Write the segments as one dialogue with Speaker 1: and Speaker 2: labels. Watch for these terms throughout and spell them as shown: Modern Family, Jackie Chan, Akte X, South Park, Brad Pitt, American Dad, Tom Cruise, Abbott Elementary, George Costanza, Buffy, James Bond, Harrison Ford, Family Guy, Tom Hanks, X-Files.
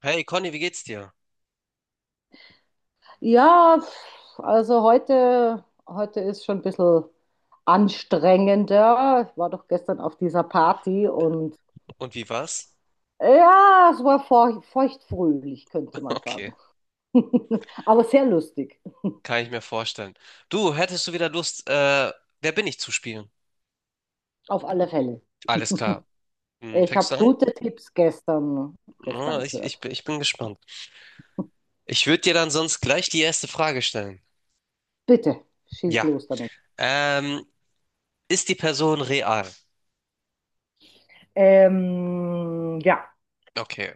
Speaker 1: Hey Conny, wie geht's dir?
Speaker 2: Ja, pf, also heute ist schon ein bisschen anstrengender. Ich war doch gestern auf dieser Party und
Speaker 1: Und wie war's?
Speaker 2: ja, es war feuchtfröhlich, könnte man
Speaker 1: Okay,
Speaker 2: sagen. Aber sehr lustig,
Speaker 1: kann ich mir vorstellen. Du, hättest du wieder Lust, wer bin ich zu spielen?
Speaker 2: auf alle Fälle.
Speaker 1: Alles klar.
Speaker 2: Ich
Speaker 1: Fängst
Speaker 2: habe
Speaker 1: du an?
Speaker 2: gute Tipps
Speaker 1: Na,
Speaker 2: gestern gehört.
Speaker 1: ich bin gespannt. Ich würde dir dann sonst gleich die erste Frage stellen.
Speaker 2: Bitte, schieß
Speaker 1: Ja.
Speaker 2: los damit.
Speaker 1: Ähm, Ist die Person real?
Speaker 2: Ja,
Speaker 1: Okay.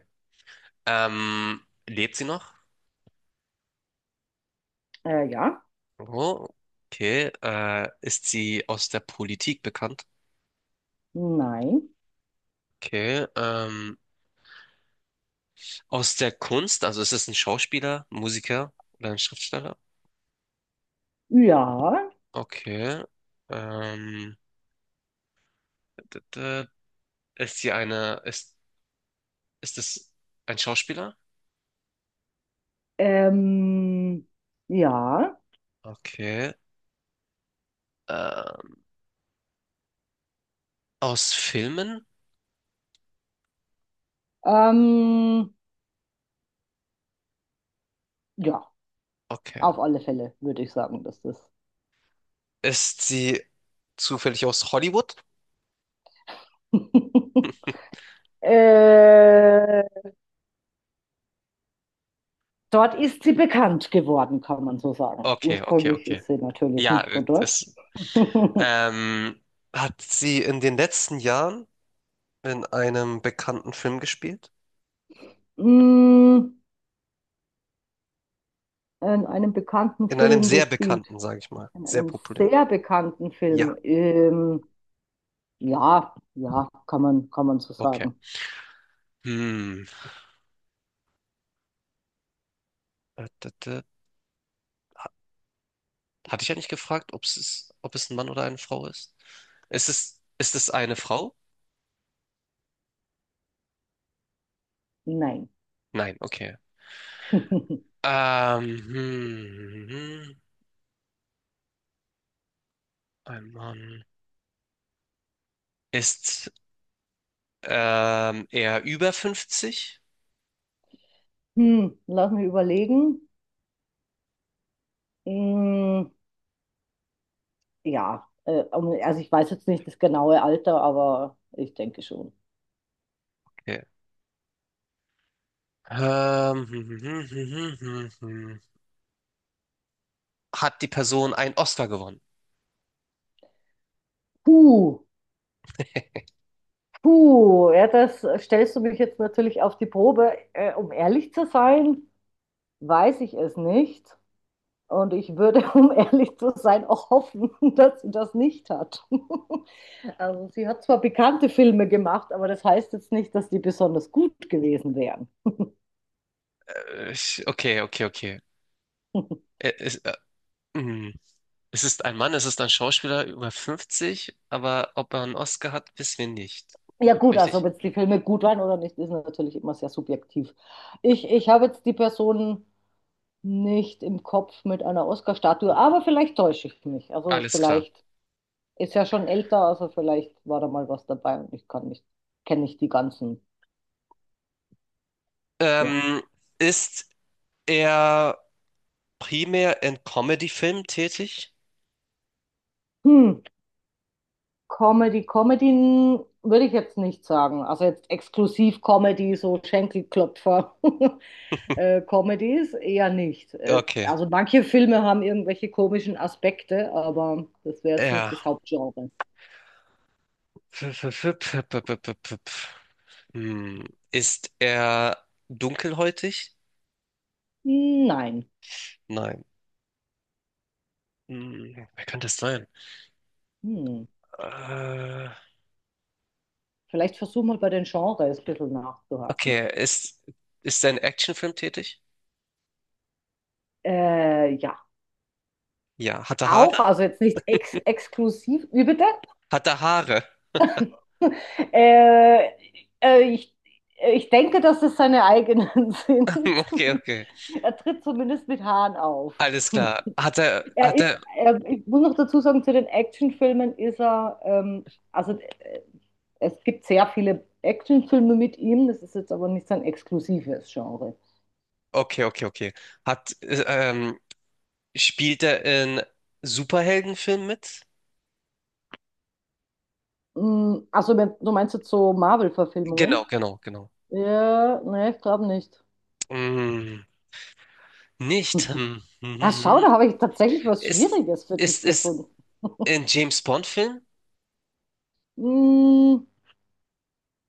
Speaker 1: Ähm, Lebt sie noch?
Speaker 2: ja,
Speaker 1: Oh, okay. Ist sie aus der Politik bekannt?
Speaker 2: nein.
Speaker 1: Okay. Aus der Kunst? Also ist es ein Schauspieler, Musiker oder ein Schriftsteller?
Speaker 2: Ja.
Speaker 1: Okay. Ähm, d- d- ist sie eine, ist, Ist es ein Schauspieler?
Speaker 2: Ähm, ja.
Speaker 1: Okay. Ähm, Aus Filmen?
Speaker 2: Ähm, ja.
Speaker 1: Okay.
Speaker 2: Auf alle Fälle würde ich sagen, dass das.
Speaker 1: Ist sie zufällig aus Hollywood?
Speaker 2: Äh, dort ist sie bekannt geworden, kann man so sagen.
Speaker 1: Okay, okay,
Speaker 2: Ursprünglich
Speaker 1: okay.
Speaker 2: ist sie natürlich
Speaker 1: Ja,
Speaker 2: nicht von dort.
Speaker 1: ähm, hat sie in den letzten Jahren in einem bekannten Film gespielt?
Speaker 2: In einem bekannten
Speaker 1: In einem
Speaker 2: Film
Speaker 1: sehr
Speaker 2: gespielt.
Speaker 1: bekannten, sage ich mal.
Speaker 2: In
Speaker 1: Sehr
Speaker 2: einem
Speaker 1: populären.
Speaker 2: sehr bekannten
Speaker 1: Ja,
Speaker 2: Film. Ja, ja, kann man so
Speaker 1: okay.
Speaker 2: sagen.
Speaker 1: Hm. Hatte ich ja nicht gefragt, ob es ein Mann oder eine Frau ist? Ist es eine Frau?
Speaker 2: Nein.
Speaker 1: Nein, okay. Ähm, hm, hm, hm, hm. Ein Mann. Ist er über 50?
Speaker 2: Hm, lass mich überlegen. Mm, ja, also ich weiß jetzt nicht das genaue Alter, aber ich denke schon.
Speaker 1: Okay. Ähm, hm, hm, hm, hm, hm, hm. hm, hm. Hat die Person einen Oscar gewonnen?
Speaker 2: Puh, puh, ja, das stellst du mich jetzt natürlich auf die Probe. Um ehrlich zu sein, weiß ich es nicht. Und ich würde, um ehrlich zu sein, auch hoffen, dass sie das nicht hat. Also sie hat zwar bekannte Filme gemacht, aber das heißt jetzt nicht, dass die besonders gut gewesen wären.
Speaker 1: Okay, okay, okay. Ä- Es, hm. es ist ein Mann, es ist ein Schauspieler über 50, aber ob er einen Oscar hat, wissen wir nicht.
Speaker 2: Ja gut, also ob
Speaker 1: Richtig?
Speaker 2: jetzt die Filme gut waren oder nicht, ist natürlich immer sehr subjektiv. Ich habe jetzt die Person nicht im Kopf mit einer Oscar-Statue, aber vielleicht täusche ich mich. Also
Speaker 1: Alles klar.
Speaker 2: vielleicht ist ja schon älter, also vielleicht war da mal was dabei und ich kann nicht, kenne nicht die ganzen. Ja.
Speaker 1: Ähm, Ist er primär in Comedy-Filmen tätig?
Speaker 2: Hm. Comedy würde ich jetzt nicht sagen. Also jetzt exklusiv Comedy, so Schenkelklopfer. Comedies eher nicht.
Speaker 1: Okay.
Speaker 2: Also manche Filme haben irgendwelche komischen Aspekte, aber das wäre jetzt nicht
Speaker 1: Ja.
Speaker 2: das Hauptgenre.
Speaker 1: Hm. Ist er dunkelhäutig?
Speaker 2: Nein.
Speaker 1: Nein. Hm. Wer könnte es sein?
Speaker 2: Hm.
Speaker 1: Äh,
Speaker 2: Vielleicht versuch mal bei den Genres ein bisschen nachzuhaken.
Speaker 1: okay. Ist er in Actionfilm tätig?
Speaker 2: Ja,
Speaker 1: Ja. Hat er Haare?
Speaker 2: auch, also jetzt nicht ex exklusiv. Wie bitte?
Speaker 1: Hat er Haare?
Speaker 2: Äh, äh, ich, ich denke, dass es seine eigenen sind.
Speaker 1: Okay, okay.
Speaker 2: Er tritt zumindest mit Haaren auf.
Speaker 1: Alles klar.
Speaker 2: Ich muss noch dazu sagen, zu den Actionfilmen ist er, also es gibt sehr viele Actionfilme mit ihm, das ist jetzt aber nicht sein exklusives Genre.
Speaker 1: Okay, okay, okay. Hat, äh, ähm, Spielt er in Superheldenfilmen mit?
Speaker 2: Mm, also, du meinst jetzt so
Speaker 1: Genau,
Speaker 2: Marvel-Verfilmungen?
Speaker 1: genau, genau.
Speaker 2: Ja, ne, ich glaube nicht.
Speaker 1: Mm, nicht.
Speaker 2: Ah, schau,
Speaker 1: Hm.
Speaker 2: da habe ich tatsächlich was
Speaker 1: Ist,
Speaker 2: Schwieriges für dich
Speaker 1: ist es
Speaker 2: gefunden.
Speaker 1: ein James Bond-Film?
Speaker 2: Mm,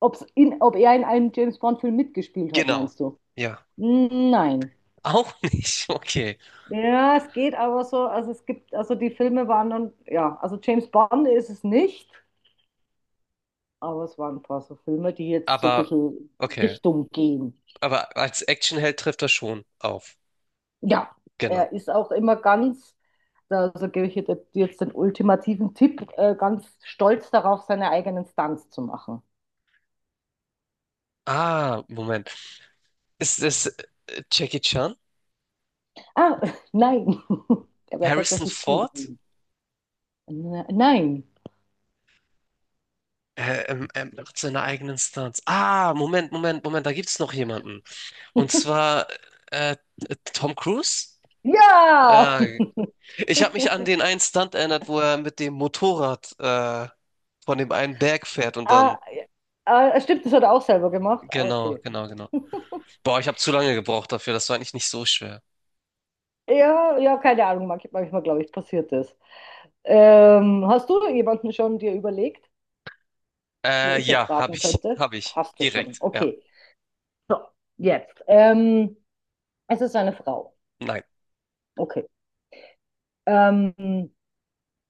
Speaker 2: Ob er in einem James Bond-Film mitgespielt hat,
Speaker 1: Genau.
Speaker 2: meinst du?
Speaker 1: Ja.
Speaker 2: Nein.
Speaker 1: Auch nicht. Okay.
Speaker 2: Ja, es geht aber so, also es gibt, also die Filme waren dann, ja, also James Bond ist es nicht, aber es waren ein paar so Filme, die jetzt so ein
Speaker 1: Aber,
Speaker 2: bisschen
Speaker 1: okay.
Speaker 2: Richtung gehen.
Speaker 1: Aber als Actionheld trifft er schon auf.
Speaker 2: Ja,
Speaker 1: Genau.
Speaker 2: er ist auch immer ganz, also gebe ich dir jetzt den ultimativen Tipp, ganz stolz darauf, seine eigenen Stunts zu machen.
Speaker 1: Ah, Moment. Ist es Jackie Chan?
Speaker 2: Ah, nein, der wäre
Speaker 1: Harrison
Speaker 2: tatsächlich cool
Speaker 1: Ford?
Speaker 2: gewesen. Nein.
Speaker 1: Macht seine eigenen Stunts. Ah, Moment, Moment, Moment, da gibt's noch jemanden. Und zwar äh, Tom Cruise?
Speaker 2: Ja!
Speaker 1: Ah, ich habe mich an den einen Stunt erinnert, wo er mit dem Motorrad von dem einen Berg fährt und dann.
Speaker 2: Ah, ja, ah, stimmt, das hat er auch selber gemacht. Ah,
Speaker 1: Genau,
Speaker 2: okay.
Speaker 1: genau, genau. Boah, ich habe zu lange gebraucht dafür. Das war eigentlich nicht so schwer.
Speaker 2: Ja, ja, keine Ahnung, manchmal, glaube ich, passiert das. Hast du jemanden schon dir überlegt, wo ich
Speaker 1: Ja,
Speaker 2: jetzt
Speaker 1: habe
Speaker 2: raten
Speaker 1: ich,
Speaker 2: könnte?
Speaker 1: habe ich.
Speaker 2: Hast du schon.
Speaker 1: Direkt. Ja,
Speaker 2: Okay. So, jetzt. Es ist eine Frau.
Speaker 1: nein,
Speaker 2: Okay. Ähm,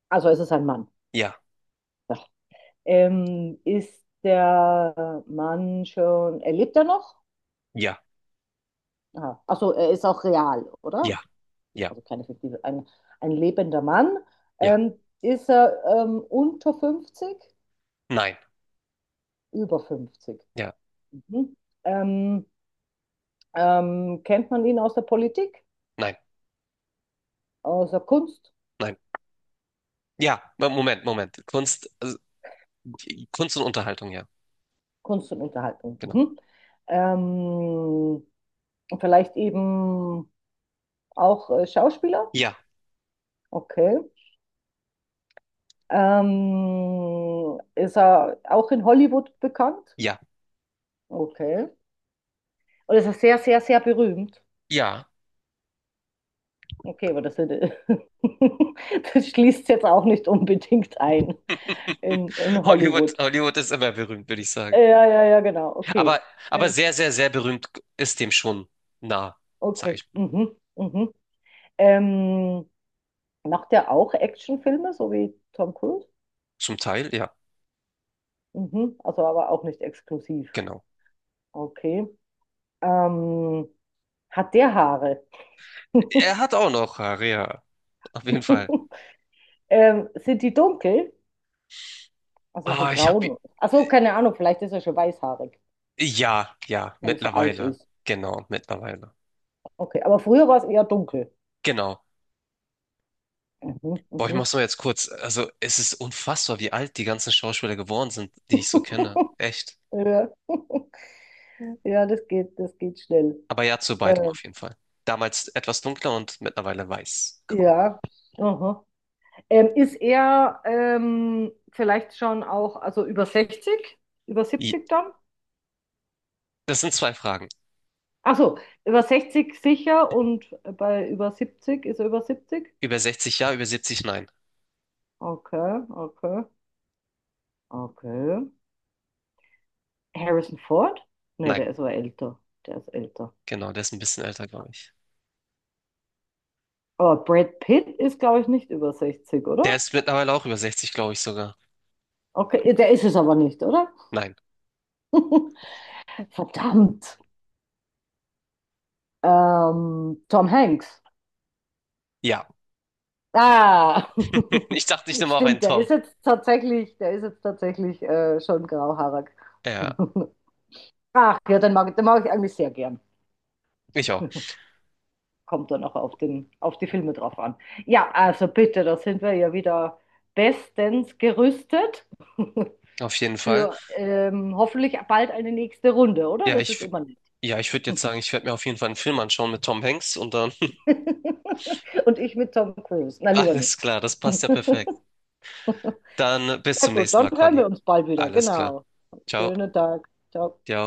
Speaker 2: also es ist ein Mann.
Speaker 1: ja,
Speaker 2: Ja. Ist der Mann schon, er lebt er noch?
Speaker 1: ja,
Speaker 2: Aha. Achso, er ist auch real, oder?
Speaker 1: ja, ja,
Speaker 2: Also keine fiktive, ein lebender Mann,
Speaker 1: ja,
Speaker 2: ähm, ist er unter 50,
Speaker 1: nein,
Speaker 2: über 50.
Speaker 1: ja,
Speaker 2: Mhm. Ähm, Kennt man ihn aus der Politik,
Speaker 1: nein,
Speaker 2: aus der Kunst,
Speaker 1: nein. Ja, Moment, Moment. Kunst, also, Kunst und Unterhaltung, ja,
Speaker 2: Kunst und Unterhaltung.
Speaker 1: genau.
Speaker 2: Mhm. Ähm, Vielleicht eben auch Schauspieler,
Speaker 1: Ja,
Speaker 2: okay. Ist er auch in Hollywood bekannt?
Speaker 1: ja,
Speaker 2: Okay. Und ist er sehr, sehr, sehr berühmt?
Speaker 1: ja.
Speaker 2: Okay, aber das, hätte- das schließt jetzt auch nicht unbedingt ein in
Speaker 1: Hollywood,
Speaker 2: Hollywood.
Speaker 1: Hollywood ist immer berühmt, würde ich sagen.
Speaker 2: Ja, ja, ja, genau.
Speaker 1: Aber,
Speaker 2: Okay. Äh,
Speaker 1: aber sehr, sehr, sehr berühmt ist dem schon nah, sag
Speaker 2: okay.
Speaker 1: ich mal.
Speaker 2: Mhm, mhm. Ähm, Macht der auch Actionfilme, so wie Tom Cruise?
Speaker 1: Zum Teil, ja,
Speaker 2: Mhm. Also aber auch nicht exklusiv.
Speaker 1: genau.
Speaker 2: Okay. Ähm, Hat der Haare?
Speaker 1: Er hat auch noch Haare, ja, auf jeden Fall.
Speaker 2: Sind die dunkel? Also so
Speaker 1: Ah, ich habe
Speaker 2: braun. Achso, keine Ahnung, vielleicht ist er schon weißhaarig,
Speaker 1: ja, ja,
Speaker 2: wenn er so alt
Speaker 1: mittlerweile.
Speaker 2: ist.
Speaker 1: Genau, mittlerweile.
Speaker 2: Okay, aber früher war es eher dunkel.
Speaker 1: Genau.
Speaker 2: Mhm,
Speaker 1: Boah, ich
Speaker 2: mhm.
Speaker 1: mach's nur jetzt kurz. Also, es ist unfassbar, wie alt die ganzen Schauspieler geworden sind, die ich so kenne. Echt.
Speaker 2: Ja. Ja, das geht schnell.
Speaker 1: Aber ja, zu beidem
Speaker 2: Äh,
Speaker 1: auf jeden Fall. Damals etwas dunkler und mittlerweile weiß, grau.
Speaker 2: ja. Aha. Ist er vielleicht schon auch, also über 60 über
Speaker 1: I.
Speaker 2: 70 dann?
Speaker 1: Das sind zwei Fragen.
Speaker 2: Achso, über 60 sicher und bei über 70 ist er über 70.
Speaker 1: Über 60 ja, über 70 nein.
Speaker 2: Okay, okay, okay. Harrison Ford? Ne, der
Speaker 1: Nein,
Speaker 2: ist aber älter. Der ist älter.
Speaker 1: genau, der ist ein bisschen älter, glaube ich.
Speaker 2: Aber Brad Pitt ist, glaube ich, nicht über 60
Speaker 1: Der
Speaker 2: oder?
Speaker 1: ist mittlerweile auch über 60, glaube ich sogar.
Speaker 2: Okay, der ist es aber nicht, oder?
Speaker 1: Nein.
Speaker 2: Verdammt. Tom Hanks.
Speaker 1: Ja.
Speaker 2: Ah,
Speaker 1: Ich dachte, ich nehme auch einen
Speaker 2: stimmt,
Speaker 1: Tom.
Speaker 2: der ist jetzt tatsächlich schon grauhaarig.
Speaker 1: Ja,
Speaker 2: Ach ja, den mag ich eigentlich sehr gern.
Speaker 1: ich auch.
Speaker 2: Kommt dann auch auf den, auf die Filme drauf an. Ja, also bitte, da sind wir ja wieder bestens gerüstet
Speaker 1: Auf jeden Fall.
Speaker 2: für hoffentlich bald eine nächste Runde, oder?
Speaker 1: Ja,
Speaker 2: Das
Speaker 1: ich,
Speaker 2: ist
Speaker 1: w-
Speaker 2: immer nett.
Speaker 1: ja, ich würde jetzt sagen, ich werde mir auf jeden Fall einen Film anschauen mit Tom Hanks und dann
Speaker 2: Und ich mit Tom Cruise. Na, lieber
Speaker 1: Alles
Speaker 2: nicht.
Speaker 1: klar, das passt ja perfekt. Dann bis
Speaker 2: Sehr
Speaker 1: zum
Speaker 2: gut,
Speaker 1: nächsten Mal,
Speaker 2: dann hören
Speaker 1: Conny.
Speaker 2: wir uns bald wieder.
Speaker 1: Alles klar.
Speaker 2: Genau.
Speaker 1: Ciao.
Speaker 2: Schönen Tag. Ciao.
Speaker 1: Ciao.